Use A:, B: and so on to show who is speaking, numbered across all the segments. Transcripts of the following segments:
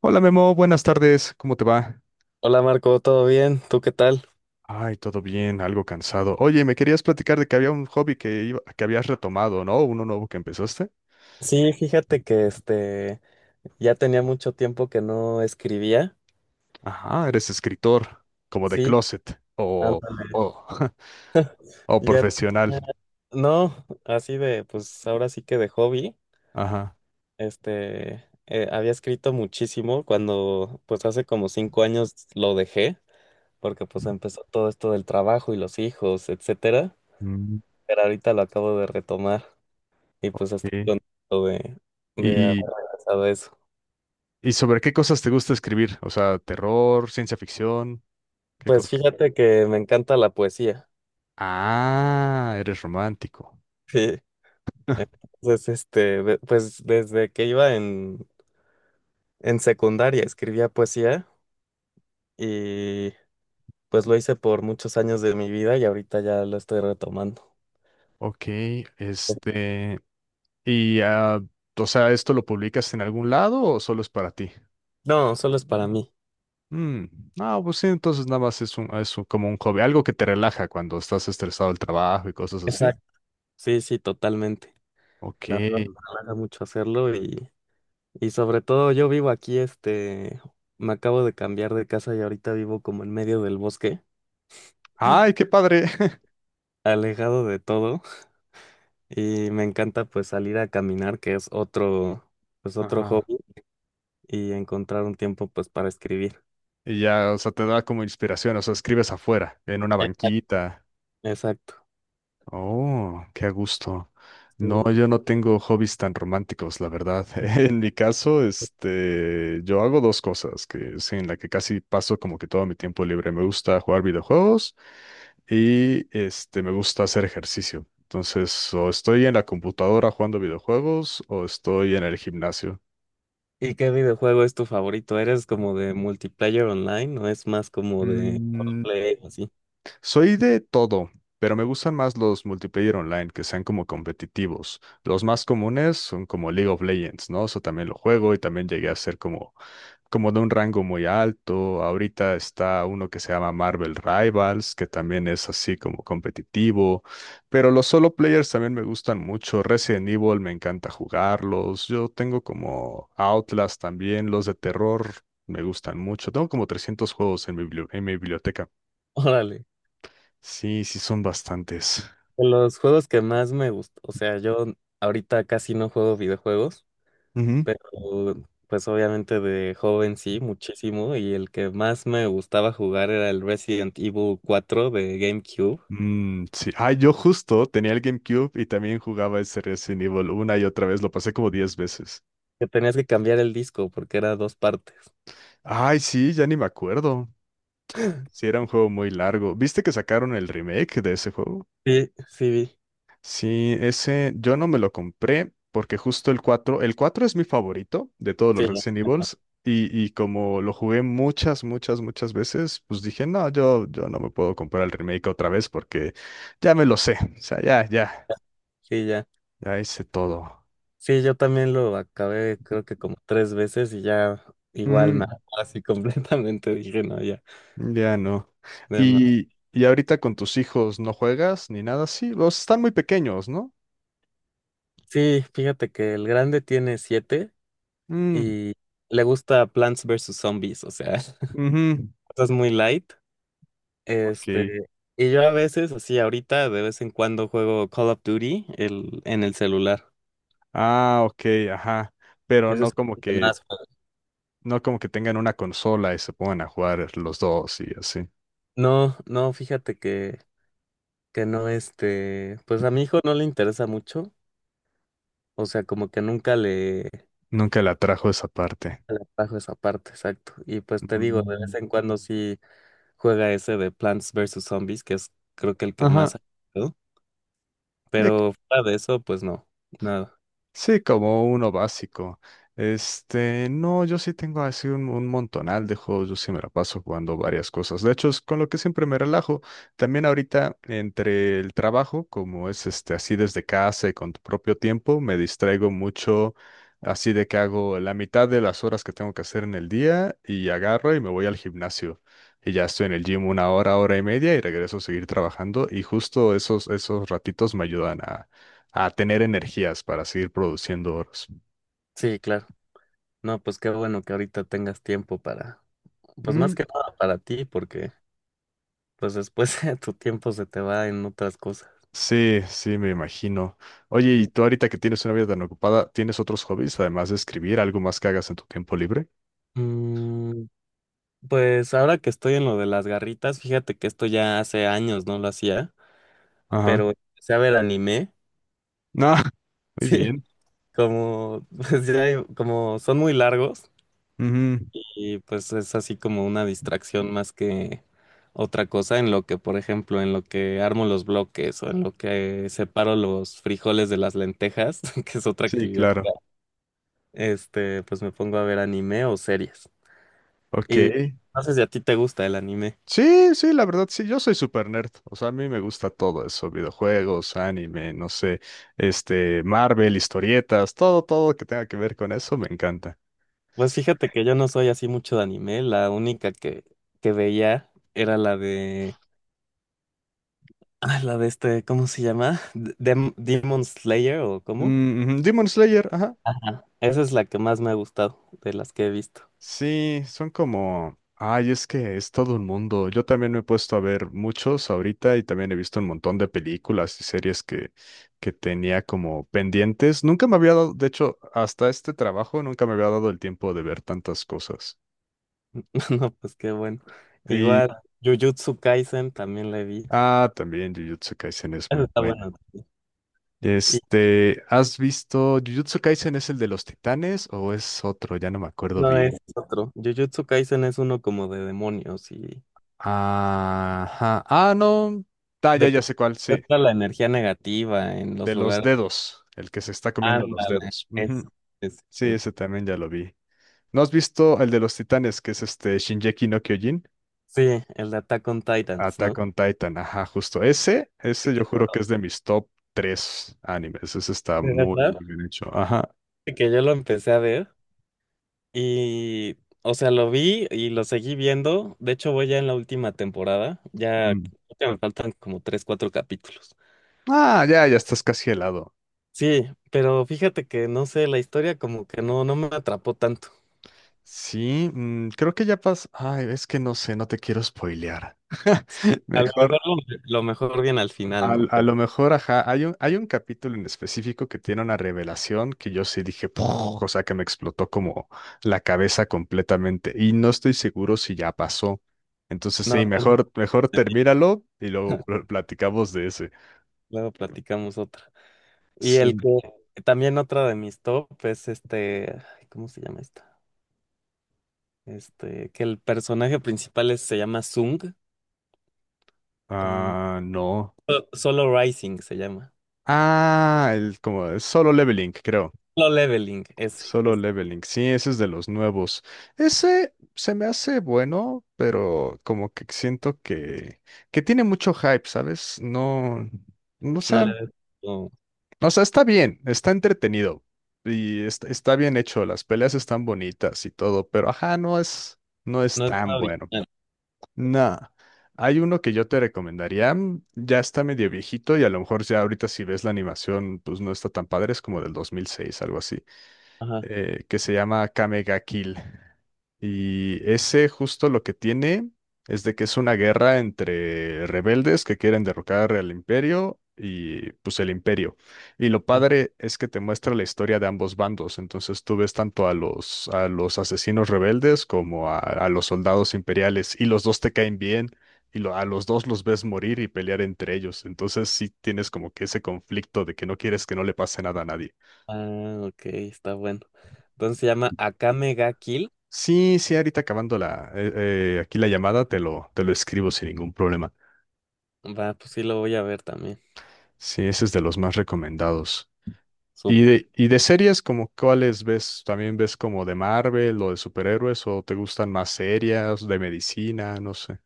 A: Hola Memo, buenas tardes, ¿cómo te va?
B: Hola Marco, ¿todo bien? ¿Tú qué tal?
A: Ay, todo bien, algo cansado. Oye, me querías platicar de que había un hobby que, que habías retomado, ¿no? Uno nuevo que empezaste.
B: Sí, fíjate que ya tenía mucho tiempo que no escribía.
A: Ajá, eres escritor, como de
B: Sí,
A: closet,
B: ándale.
A: o, o
B: Ya
A: profesional.
B: tenía- no, así de, pues ahora sí que de hobby.
A: Ajá.
B: Había escrito muchísimo cuando, pues hace como cinco años lo dejé, porque pues empezó todo esto del trabajo y los hijos, etcétera.
A: Mm,
B: Pero ahorita lo acabo de retomar y pues estoy
A: sí.
B: contento de haber
A: ¿Y,
B: regresado a eso.
A: y sobre qué cosas te gusta escribir? O sea, terror, ciencia ficción, ¿qué
B: Pues
A: cosa?
B: fíjate que me encanta la poesía.
A: Ah, eres romántico.
B: Sí. Entonces, pues desde que iba en secundaria escribía poesía y pues lo hice por muchos años de mi vida y ahorita ya lo estoy retomando.
A: Ok, este... ¿Y, o sea, esto lo publicas en algún lado o solo es para ti?
B: No, solo es para mí.
A: Mm. No, pues sí, entonces nada más es como un hobby, algo que te relaja cuando estás estresado del trabajo y cosas así.
B: Exacto. Sí, sí, totalmente.
A: Ok.
B: La verdad me relaja mucho hacerlo y sobre todo yo vivo aquí, me acabo de cambiar de casa y ahorita vivo como en medio del bosque,
A: Ay, qué padre.
B: alejado de todo y me encanta pues salir a caminar, que es otro, pues otro
A: Ajá.
B: hobby y encontrar un tiempo pues para escribir.
A: Y ya, o sea, te da como inspiración, o sea, escribes afuera, en una
B: Eh,
A: banquita.
B: Exacto.
A: Oh, qué a gusto. No,
B: ¿Y
A: yo no tengo hobbies tan románticos, la verdad. En mi caso, yo hago dos cosas que sí, en la que casi paso como que todo mi tiempo libre. Me gusta jugar videojuegos y me gusta hacer ejercicio. Entonces, o estoy en la computadora jugando videojuegos o estoy en el gimnasio.
B: y qué videojuego es tu favorito? ¿Eres como de multiplayer online o es más como de
A: Mm.
B: play así?
A: Soy de todo, pero me gustan más los multiplayer online que sean como competitivos. Los más comunes son como League of Legends, ¿no? Eso también lo juego y también llegué a ser como de un rango muy alto. Ahorita está uno que se llama Marvel Rivals, que también es así como competitivo. Pero los solo players también me gustan mucho. Resident Evil me encanta jugarlos. Yo tengo como Outlast también, los de terror. Me gustan mucho. Tengo como 300 juegos en mi en mi biblioteca.
B: Órale.
A: Sí, sí son bastantes.
B: De los juegos que más me gustó, o sea, yo ahorita casi no juego videojuegos,
A: Ujú.
B: pero pues obviamente de joven sí, muchísimo, y el que más me gustaba jugar era el Resident Evil cuatro de GameCube,
A: Mm, sí. Ah, yo justo tenía el GameCube y también jugaba ese Resident Evil una y otra vez. Lo pasé como 10 veces.
B: que tenías que cambiar el disco porque era dos partes.
A: Ay, sí, ya ni me acuerdo. Sí, era un juego muy largo. ¿Viste que sacaron el remake de ese juego?
B: Sí, sí vi.
A: Sí, ese yo no me lo compré porque justo el 4 es mi favorito de todos los
B: Sí,
A: Resident Evils y como lo jugué muchas, muchas, muchas veces, pues dije, no, yo no me puedo comprar el remake otra vez porque ya me lo sé. O sea, ya, ya.
B: sí, ya.
A: Ya hice todo.
B: Sí, yo también lo acabé creo que como tres veces y ya igual me
A: Mm,
B: hartó así completamente dije, no, ya,
A: ya no.
B: de más".
A: Y ahorita con tus hijos no juegas ni nada así. Los están muy pequeños, ¿no?
B: Sí, fíjate que el grande tiene siete
A: Mm,
B: y le gusta Plants vs. Zombies, o sea,
A: ujú.
B: cosas muy light.
A: Ok.
B: Este, y yo a veces, así ahorita, de vez en cuando juego Call of Duty el, en el celular.
A: Ah, ok, ajá. Pero
B: Eso
A: no
B: es
A: como
B: lo que
A: que,
B: más juego.
A: no como que tengan una consola y se pongan a jugar los dos y así.
B: No, no, fíjate que no, pues a mi hijo no le interesa mucho, o sea, como que nunca le...
A: Nunca la trajo esa parte.
B: Le bajo esa parte, exacto. Y pues te digo, de
A: Mm.
B: vez en cuando sí juega ese de Plants vs Zombies, que es creo que el que más
A: Ajá.
B: ha jugado. Pero fuera de eso, pues no, nada.
A: Sí, como uno básico. No, yo sí tengo así un montonal de juegos, yo sí me la paso jugando varias cosas. De hecho, es con lo que siempre me relajo. También ahorita entre el trabajo, como es así desde casa y con tu propio tiempo, me distraigo mucho, así de que hago la mitad de las horas que tengo que hacer en el día y agarro y me voy al gimnasio. Y ya estoy en el gym una hora, hora y media y regreso a seguir trabajando y justo esos ratitos me ayudan a tener energías para seguir produciendo oros.
B: Sí, claro. No, pues qué bueno que ahorita tengas tiempo para, pues
A: Mm,
B: más que nada para ti, porque pues después tu tiempo se te va en otras cosas.
A: sí, sí, me imagino. Oye, y
B: Sí.
A: tú ahorita que tienes una vida tan ocupada, ¿tienes otros hobbies además de escribir, algo más que hagas en tu tiempo libre?
B: Mm, pues ahora que estoy en lo de las garritas, fíjate que esto ya hace años no lo hacía,
A: Ajá.
B: pero empecé a ver anime.
A: No, muy
B: Sí.
A: bien.
B: Como, como son muy largos
A: Ujú.
B: y pues es así como una distracción más que otra cosa en lo que, por ejemplo, en lo que armo los bloques o en lo que separo los frijoles de las lentejas, que es otra
A: Sí,
B: actividad,
A: claro.
B: pues me pongo a ver anime o series.
A: Ok.
B: Y no sé si a ti te gusta el anime.
A: Sí, sí, la verdad, sí, yo soy super nerd. O sea, a mí me gusta todo eso, videojuegos, anime, no sé, Marvel, historietas, todo, todo que tenga que ver con eso, me encanta.
B: Pues fíjate que yo no soy así mucho de anime, la única que veía era la de, ah, la de ¿cómo se llama? ¿Demon Slayer o cómo?
A: Mm, ujú, Demon Slayer, ajá.
B: Esa es la que más me ha gustado de las que he visto.
A: Sí, son como, ay, es que es todo un mundo. Yo también me he puesto a ver muchos ahorita y también he visto un montón de películas y series que tenía como pendientes. Nunca me había dado, de hecho, hasta este trabajo nunca me había dado el tiempo de ver tantas cosas.
B: No, pues qué bueno.
A: Y,
B: Igual, Jujutsu Kaisen también la vi.
A: ah, también Jujutsu Kaisen es
B: Eso
A: muy
B: está
A: buena.
B: bueno también. Y
A: ¿Has visto Jujutsu Kaisen es el de los titanes o es otro? Ya no me acuerdo
B: no, es
A: bien.
B: otro. Jujutsu Kaisen es uno como de demonios y
A: Ajá. Ah, no. Ah,
B: de que
A: ya sé cuál, sí.
B: está la energía negativa en
A: De
B: los
A: los
B: lugares.
A: dedos, el que se está comiendo los
B: Ándale,
A: dedos. Ujú.
B: eso. Eso,
A: Sí,
B: sí.
A: ese también ya lo vi. ¿No has visto el de los titanes, que es este Shingeki no Kyojin?
B: Sí, sí, el de Attack on Titans,
A: Attack
B: ¿no?
A: on Titan, ajá, justo. Ese yo juro que es de mis top tres animes. Ese está
B: De
A: muy,
B: verdad,
A: muy bien hecho. Ajá.
B: que yo lo empecé a ver Y, o sea, lo vi y lo seguí viendo. De hecho, voy ya en la última temporada. Ya
A: Mm.
B: creo me faltan como tres, cuatro capítulos.
A: Ah, ya estás casi helado.
B: Sí, pero fíjate que no sé, la historia como que no, no me atrapó tanto.
A: Sí, mm, creo que ya pasó. Ay, es que no sé, no te quiero spoilear.
B: A
A: Mejor.
B: lo mejor viene al final, ¿no? Pero
A: Lo mejor, ajá, hay hay un capítulo en específico que tiene una revelación que yo sí dije, "Puj", o sea, que me explotó como la cabeza completamente y no estoy seguro si ya pasó. Entonces,
B: no,
A: sí,
B: entonces
A: mejor, mejor termínalo y luego platicamos de ese.
B: luego platicamos otra. Y el
A: Sí.
B: que también otra de mis top es ay, ¿cómo se llama esta? Este, que el personaje principal es- se llama Sung. Mm,
A: Ah, no.
B: Solo Rising se llama.
A: Ah, el como solo leveling, creo.
B: Solo Leveling, ese,
A: Solo
B: ese.
A: Leveling. Sí, ese es de los nuevos. Ese se me hace bueno, pero como que siento que tiene mucho hype, ¿sabes? No, no sé,
B: No le
A: sea,
B: ves, no,
A: o sea, está bien, está entretenido y está, está bien hecho. Las peleas están bonitas y todo, pero ajá, no es, no es
B: no es
A: tan
B: nada
A: bueno.
B: original.
A: No. Hay uno que yo te recomendaría, mm, ya está medio viejito y a lo mejor ya ahorita si ves la animación, pues no está tan padre, es como del 2006, algo así
B: Ajá.
A: que se llama Kamega Kill. Y ese justo lo que tiene es de que es una guerra entre rebeldes que quieren derrocar al imperio y pues el imperio. Y lo
B: Ajá.
A: padre es que te muestra la historia de ambos bandos. Entonces tú ves tanto a a los asesinos rebeldes como a los soldados imperiales y los dos te caen bien. A los dos los ves morir y pelear entre ellos. Entonces sí tienes como que ese conflicto de que no quieres que no le pase nada a nadie.
B: Ah, ok, está bueno. Entonces se llama Akame ga Kill.
A: Sí, sí, ahorita acabando aquí la llamada, te lo escribo sin ningún problema.
B: Va, pues sí lo voy a ver también.
A: Sí, ese es de los más recomendados.
B: Súper.
A: Y de series como cuáles ves? ¿También ves como de Marvel o de superhéroes o te gustan más serias, de medicina? No sé.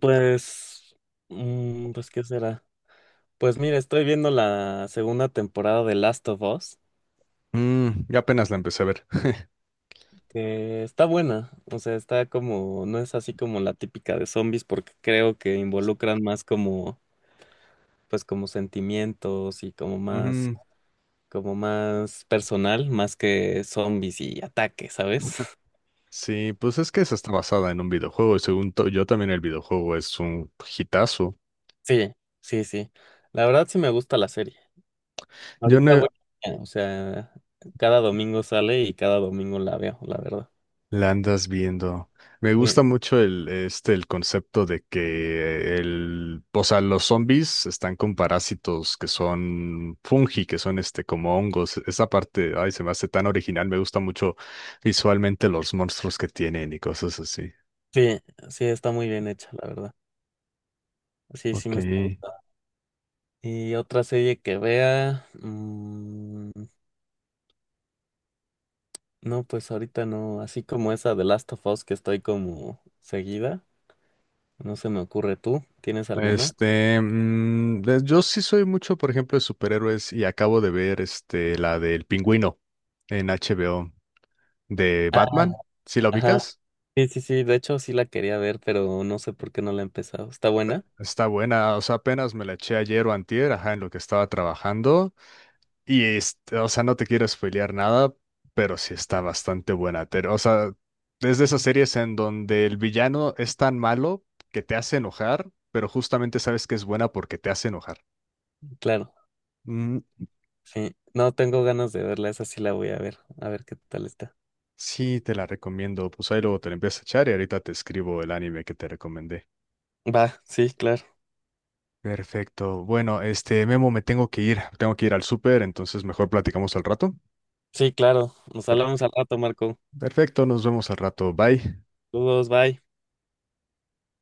B: Pues, pues, ¿qué será? Pues mira, estoy viendo la segunda temporada de Last of Us,
A: Mm, ya apenas la empecé a ver.
B: que está buena. O sea, está como, no es así como la típica de zombies, porque creo que involucran más como, pues como sentimientos y
A: Ujú.
B: como más personal, más que zombies y ataques, ¿sabes?
A: Sí, pues es que esa está basada en un videojuego y según yo también el videojuego es un hitazo.
B: Sí, sí, sí. La verdad sí me gusta la serie.
A: Yo
B: Ahorita
A: no.
B: voy, o sea, cada domingo sale y cada domingo la veo, la verdad.
A: La andas viendo. Me
B: Sí,
A: gusta mucho el concepto de que o sea, los zombies están con parásitos que son fungi, que son este, como hongos. Esa parte, ay, se me hace tan original. Me gusta mucho visualmente los monstruos que tienen y cosas así.
B: sí, sí, está muy bien hecha, la verdad. Sí, sí
A: Ok.
B: me está gustando. Y otra serie que vea, no, pues ahorita no, así como esa de Last of Us que estoy como seguida, no se me ocurre. Tú, ¿tienes alguna?
A: Yo sí soy mucho, por ejemplo, de superhéroes y acabo de ver la del Pingüino en HBO de
B: Ah,
A: Batman. ¿Sí la
B: ajá.
A: ubicas?
B: Sí, sí, sí, de hecho sí la quería ver, pero no sé por qué no la he empezado. ¿Está buena?
A: Está buena, o sea, apenas me la eché ayer o antier, ajá, en lo que estaba trabajando. Y, o sea, no te quiero spoilear nada, pero sí está bastante buena. O sea, es de esas series en donde el villano es tan malo que te hace enojar, pero justamente sabes que es buena porque te hace enojar.
B: Claro,
A: Mm,
B: sí. No tengo ganas de verla, esa sí la voy a ver qué tal está.
A: sí, te la recomiendo. Pues ahí luego te la empiezas a echar y ahorita te escribo el anime que te recomendé.
B: Va, sí, claro.
A: Perfecto. Bueno, Memo, me tengo que ir. Tengo que ir al súper, entonces mejor platicamos al rato.
B: Sí, claro. Nos hablamos al rato, Marco.
A: Perfecto, nos vemos al rato. Bye.
B: Saludos, bye.